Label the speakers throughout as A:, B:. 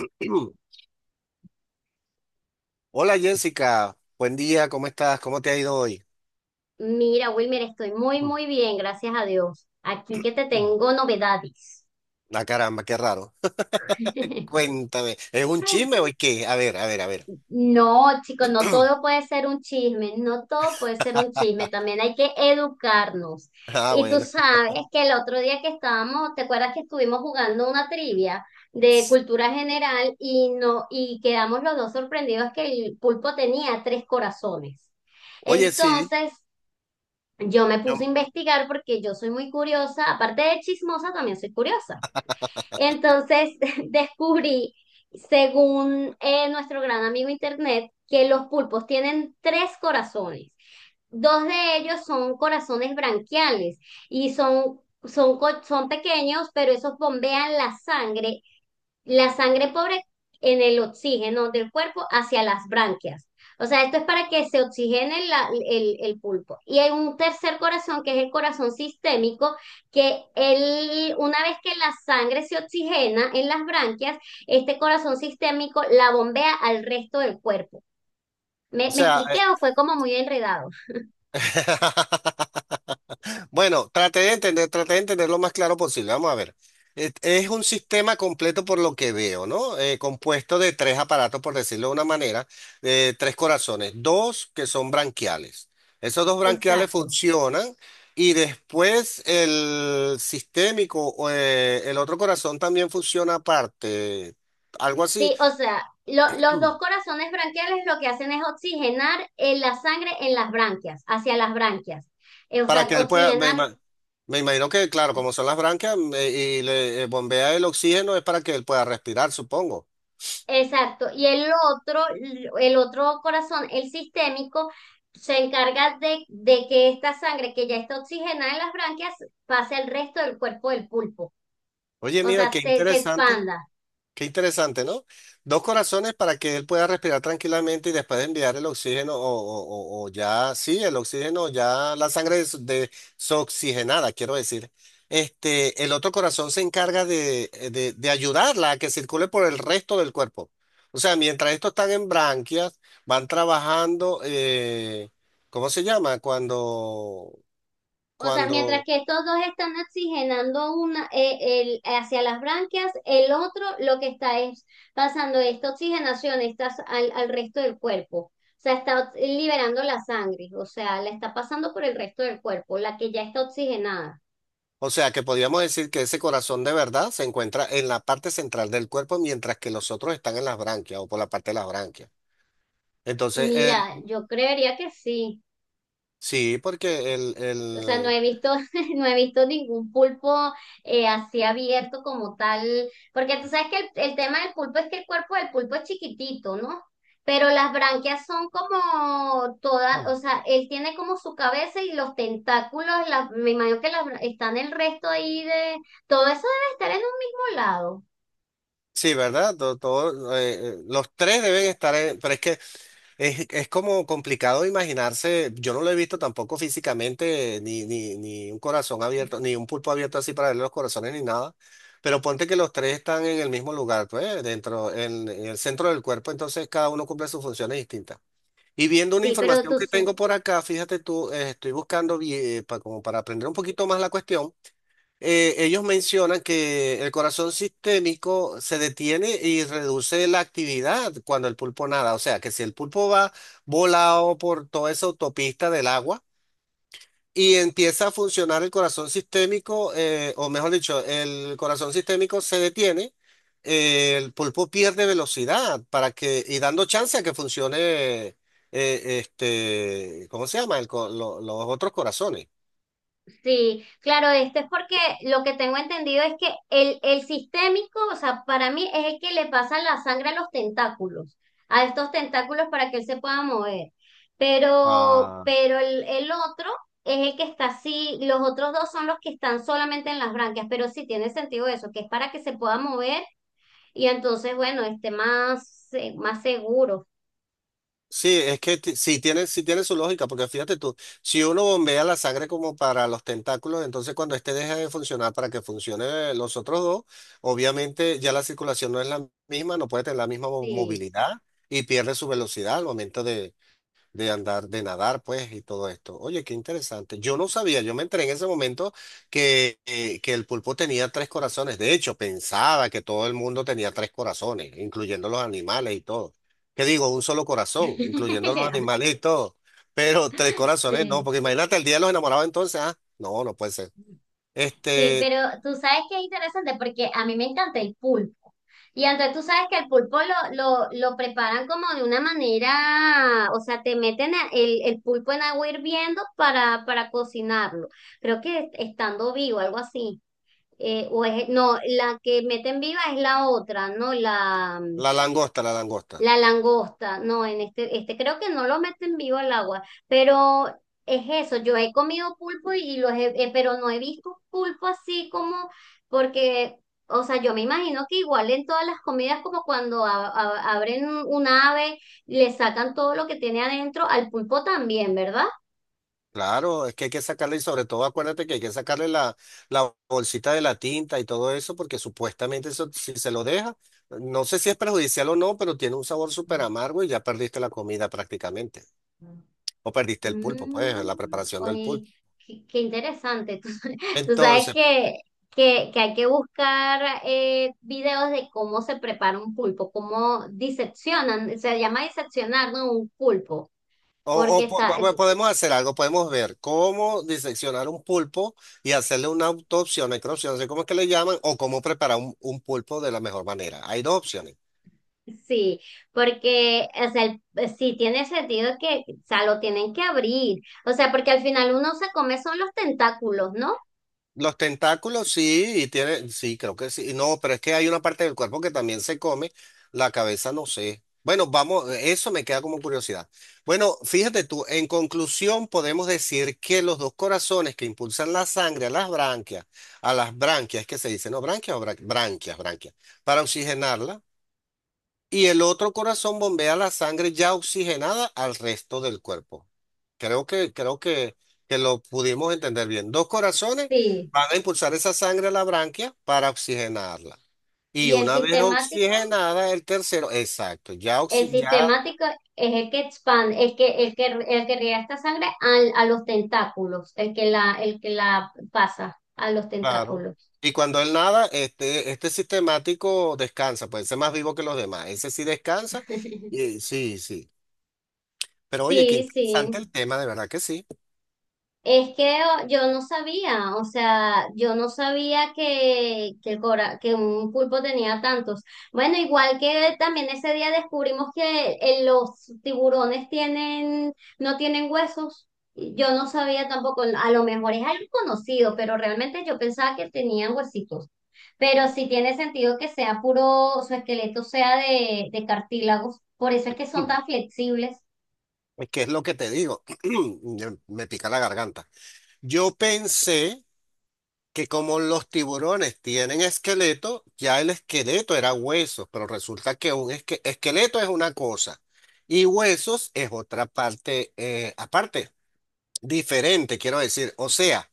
A: Mm. Hola Jessica, buen día, ¿cómo estás? ¿Cómo te ha ido hoy?
B: Mira, Wilmer, estoy muy, muy bien, gracias a Dios. Aquí que te
A: Mm.
B: tengo novedades.
A: La caramba, qué raro. Cuéntame, ¿es un chisme o qué? A ver, a ver, a ver.
B: No, chicos, no todo puede ser un chisme, no todo puede ser un chisme, también hay que educarnos.
A: Ah,
B: Y tú
A: bueno.
B: sabes que el otro día que estábamos, ¿te acuerdas que estuvimos jugando una trivia de cultura general y no, y quedamos los dos sorprendidos que el pulpo tenía 3 corazones?
A: Oye, sí,
B: Entonces, yo me puse a
A: yo-
B: investigar porque yo soy muy curiosa, aparte de chismosa, también soy curiosa. Entonces descubrí, según nuestro gran amigo Internet, que los pulpos tienen 3 corazones. 2 de ellos son corazones branquiales y son pequeños, pero esos bombean la sangre pobre en el oxígeno del cuerpo hacia las branquias. O sea, esto es para que se oxigene el pulpo. Y hay un 3er corazón, que es el corazón sistémico, que él, una vez que la sangre se oxigena en las branquias, este corazón sistémico la bombea al resto del cuerpo.
A: o
B: ¿Me, me
A: sea,
B: expliqué o fue como muy enredado?
A: eh, Bueno, traté de entender lo más claro posible. Vamos a ver. Es un sistema completo por lo que veo, ¿no? Compuesto de tres aparatos, por decirlo de una manera, tres corazones, dos que son branquiales. Esos dos branquiales
B: Exacto.
A: funcionan y después el sistémico, o, el otro corazón también funciona aparte, algo así,
B: Sí, o sea, los dos corazones branquiales lo que hacen es oxigenar en la sangre en las branquias, hacia las branquias. O
A: para que
B: sea,
A: él pueda
B: oxigenar,
A: me imagino que, claro, como son las branquias, y le bombea el oxígeno es para que él pueda respirar, supongo.
B: exacto. Y el otro corazón, el sistémico, se encarga de que esta sangre que ya está oxigenada en las branquias pase al resto del cuerpo del pulpo.
A: Oye,
B: O
A: mira,
B: sea, se expanda.
A: qué interesante, ¿no? Dos corazones para que él pueda respirar tranquilamente y después de enviar el oxígeno o ya, sí, el oxígeno, ya la sangre desoxigenada, quiero decir. Este, el otro corazón se encarga de ayudarla a que circule por el resto del cuerpo. O sea, mientras estos están en branquias, van trabajando, ¿cómo se llama? Cuando,
B: O sea, mientras
A: cuando...
B: que estos 2 están oxigenando una, el, hacia las branquias, el otro lo que está es pasando esta oxigenación estas al, al resto del cuerpo. O sea, está liberando la sangre, o sea, la está pasando por el resto del cuerpo, la que ya está oxigenada.
A: O sea que podríamos decir que ese corazón de verdad se encuentra en la parte central del cuerpo, mientras que los otros están en las branquias o por la parte de las branquias. Entonces,
B: Mira, yo creería que sí.
A: sí, porque
B: O sea, no he visto, no he visto ningún pulpo así abierto como tal, porque tú sabes que el tema del pulpo es que el cuerpo del pulpo es chiquitito, ¿no? Pero las branquias son como todas,
A: No.
B: o sea, él tiene como su cabeza y los tentáculos, me imagino que las, están el resto ahí de, todo eso debe estar en un mismo lado.
A: Sí, ¿verdad? Todo, los tres deben estar en, pero es que es como complicado imaginarse, yo no lo he visto tampoco físicamente, ni un corazón abierto, ni un pulpo abierto así para ver los corazones ni nada, pero ponte que los tres están en el mismo lugar, pues, dentro, en el centro del cuerpo, entonces cada uno cumple sus funciones distintas. Y viendo una
B: Sí, pero
A: información
B: tú,
A: que tengo por acá, fíjate tú, estoy buscando, como para aprender un poquito más la cuestión. Ellos mencionan que el corazón sistémico se detiene y reduce la actividad cuando el pulpo nada. O sea, que si el pulpo va volado por toda esa autopista del agua y empieza a funcionar el corazón sistémico, o mejor dicho, el corazón sistémico se detiene, el pulpo pierde velocidad para que, y dando chance a que funcione, este, ¿cómo se llama? Los otros corazones.
B: sí, claro, esto es porque lo que tengo entendido es que el sistémico, o sea, para mí es el que le pasa la sangre a los tentáculos, a estos tentáculos para que él se pueda mover.
A: Ah.
B: Pero el otro es el que está así, los otros 2 son los que están solamente en las branquias, pero sí tiene sentido eso, que es para que se pueda mover y entonces, bueno, esté más, más seguro.
A: Sí, es que sí tiene su lógica, porque fíjate tú, si uno bombea la sangre como para los tentáculos, entonces cuando este deja de funcionar para que funcione los otros dos, obviamente ya la circulación no es la misma, no puede tener la misma
B: Sí.
A: movilidad y pierde su velocidad al momento de andar, de nadar, pues, y todo esto. Oye, qué interesante. Yo no sabía, yo me enteré en ese momento que el pulpo tenía tres corazones. De hecho, pensaba que todo el mundo tenía tres corazones, incluyendo los animales y todo. ¿Qué digo? Un solo corazón, incluyendo los animales y todo. Pero tres corazones no,
B: Sí.
A: porque imagínate el día de los enamorados entonces, ah, no, no puede ser.
B: Sí,
A: Este,
B: pero tú sabes que es interesante porque a mí me encanta el pulpo. Y entonces tú sabes que el pulpo lo preparan como de una manera, o sea, te meten el pulpo en agua hirviendo para cocinarlo. Creo que estando vivo, algo así. O es, no, la que meten viva es la otra, ¿no?
A: la langosta, la langosta.
B: La langosta, no, en este, este creo que no lo meten vivo al agua, pero es eso, yo he comido pulpo y pero no he visto pulpo así como, porque, o sea, yo me imagino que igual en todas las comidas, como cuando abren un ave, le sacan todo lo que tiene adentro, al pulpo también, ¿verdad?
A: Claro, es que hay que sacarle, y sobre todo acuérdate que hay que sacarle la bolsita de la tinta y todo eso, porque supuestamente eso, si se lo deja, no sé si es perjudicial o no, pero tiene un sabor súper amargo y ya perdiste la comida prácticamente. O perdiste el pulpo, pues, la
B: Mm,
A: preparación del
B: oye,
A: pulpo.
B: qué, qué interesante. Tú sabes
A: Entonces,
B: que hay que buscar videos de cómo se prepara un pulpo, cómo diseccionan, se llama diseccionar, ¿no? Un pulpo, porque está,
A: podemos hacer algo, podemos ver cómo diseccionar un pulpo y hacerle una autopsia, una necropsia, no sé cómo es que le llaman, o cómo preparar un pulpo de la mejor manera. Hay dos opciones.
B: sí, porque o sea, sí tiene sentido que, o sea, lo tienen que abrir, o sea, porque al final uno se come son los tentáculos, ¿no?
A: Los tentáculos sí, y tiene, sí, creo que sí. No, pero es que hay una parte del cuerpo que también se come, la cabeza no sé. Bueno, vamos, eso me queda como curiosidad. Bueno, fíjate tú, en conclusión podemos decir que los dos corazones que impulsan la sangre a las branquias, es que se dice, no, branquias o branquias, branquias, para oxigenarla y el otro corazón bombea la sangre ya oxigenada al resto del cuerpo. Creo que lo pudimos entender bien. Dos corazones
B: Sí.
A: van a impulsar esa sangre a la branquia para oxigenarla. Y
B: ¿Y el
A: una vez
B: sistemático?
A: oxigenada, el tercero, exacto, ya,
B: El
A: ya,
B: sistemático es el que expande, el que, el que, el que riega esta sangre a, los tentáculos, el que la pasa a los
A: claro.
B: tentáculos.
A: Y cuando él nada, este sistemático descansa, puede ser más vivo que los demás. Ese sí descansa. Y sí, sí. Pero oye, qué
B: Sí,
A: interesante
B: sí.
A: el tema, de verdad que sí.
B: Es que yo no sabía, o sea, yo no sabía que, que un pulpo tenía tantos. Bueno, igual que también ese día descubrimos que los tiburones tienen, no tienen huesos. Yo no sabía tampoco, a lo mejor es algo conocido, pero realmente yo pensaba que tenían huesitos. Pero sí tiene sentido que sea puro, su esqueleto sea de cartílagos, por eso es que son tan flexibles.
A: ¿Qué es lo que te digo? Me pica la garganta. Yo pensé que como los tiburones tienen esqueleto, ya el esqueleto era huesos, pero resulta que un esqueleto es una cosa y huesos es otra parte, aparte, diferente, quiero decir. O sea,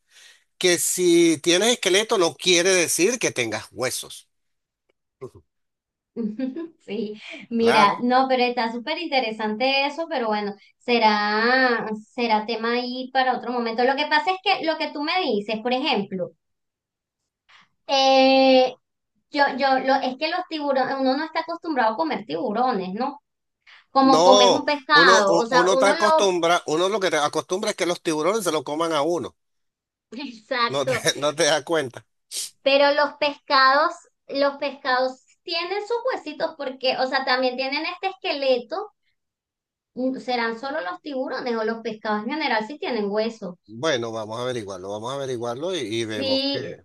A: que si tienes esqueleto no quiere decir que tengas huesos. Ujú.
B: Sí, mira,
A: Claro.
B: no, pero está súper interesante eso, pero bueno, será, será tema ahí para otro momento. Lo que pasa es que lo que tú me dices, por ejemplo, eh, yo, yo, lo, es que los tiburones, uno no está acostumbrado a comer tiburones, ¿no? Como comes un
A: No,
B: pescado, o sea,
A: uno está
B: uno lo,
A: acostumbrado, uno lo que te acostumbra es que los tiburones se lo coman a uno. No te,
B: exacto,
A: no te das cuenta.
B: pero los pescados tienen sus huesitos porque, o sea, también tienen este esqueleto, mm, ¿serán solo los tiburones o los pescados en general si tienen huesos?
A: Bueno, vamos a averiguarlo y vemos que,
B: Sí,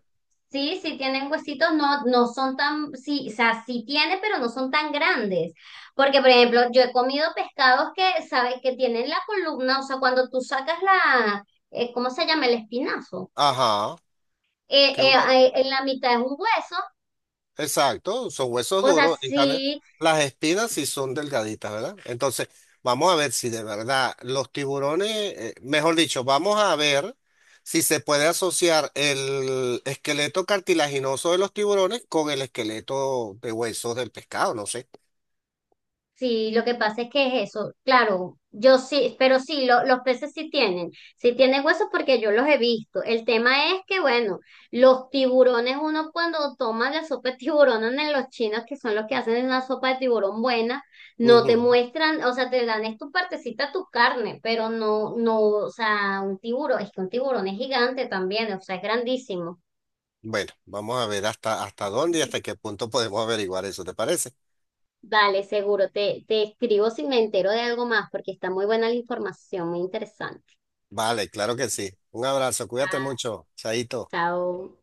B: sí, sí tienen huesitos, no, no son tan, sí, o sea, sí tiene, pero no son tan grandes. Porque, por ejemplo, yo he comido pescados que, ¿sabes? Que tienen la columna, o sea, cuando tú sacas la, ¿cómo se llama? El espinazo.
A: ajá,
B: eh,
A: que
B: eh,
A: uno,
B: en la mitad es un hueso.
A: exacto, son huesos
B: O sea,
A: duros, en cambio,
B: sí.
A: las espinas sí son delgaditas, ¿verdad? Entonces, vamos a ver si de verdad los tiburones, mejor dicho, vamos a ver si se puede asociar el esqueleto cartilaginoso de los tiburones con el esqueleto de huesos del pescado, no sé.
B: Sí, lo que pasa es que es eso, claro, yo sí, pero sí, los peces sí tienen huesos porque yo los he visto. El tema es que, bueno, los tiburones, uno cuando toma la sopa de tiburón en los chinos, que son los que hacen una sopa de tiburón buena, no te
A: Ujú.
B: muestran, o sea, te dan es tu partecita, tu carne, pero no, no, o sea, un tiburón, es que un tiburón es gigante también, o sea, es grandísimo.
A: Bueno, vamos a ver hasta, hasta dónde y hasta qué punto podemos averiguar eso, ¿te parece?
B: Dale, seguro, te escribo si me entero de algo más, porque está muy buena la información, muy interesante.
A: Vale, claro que sí. Un abrazo, cuídate mucho, Chaito.
B: Chao.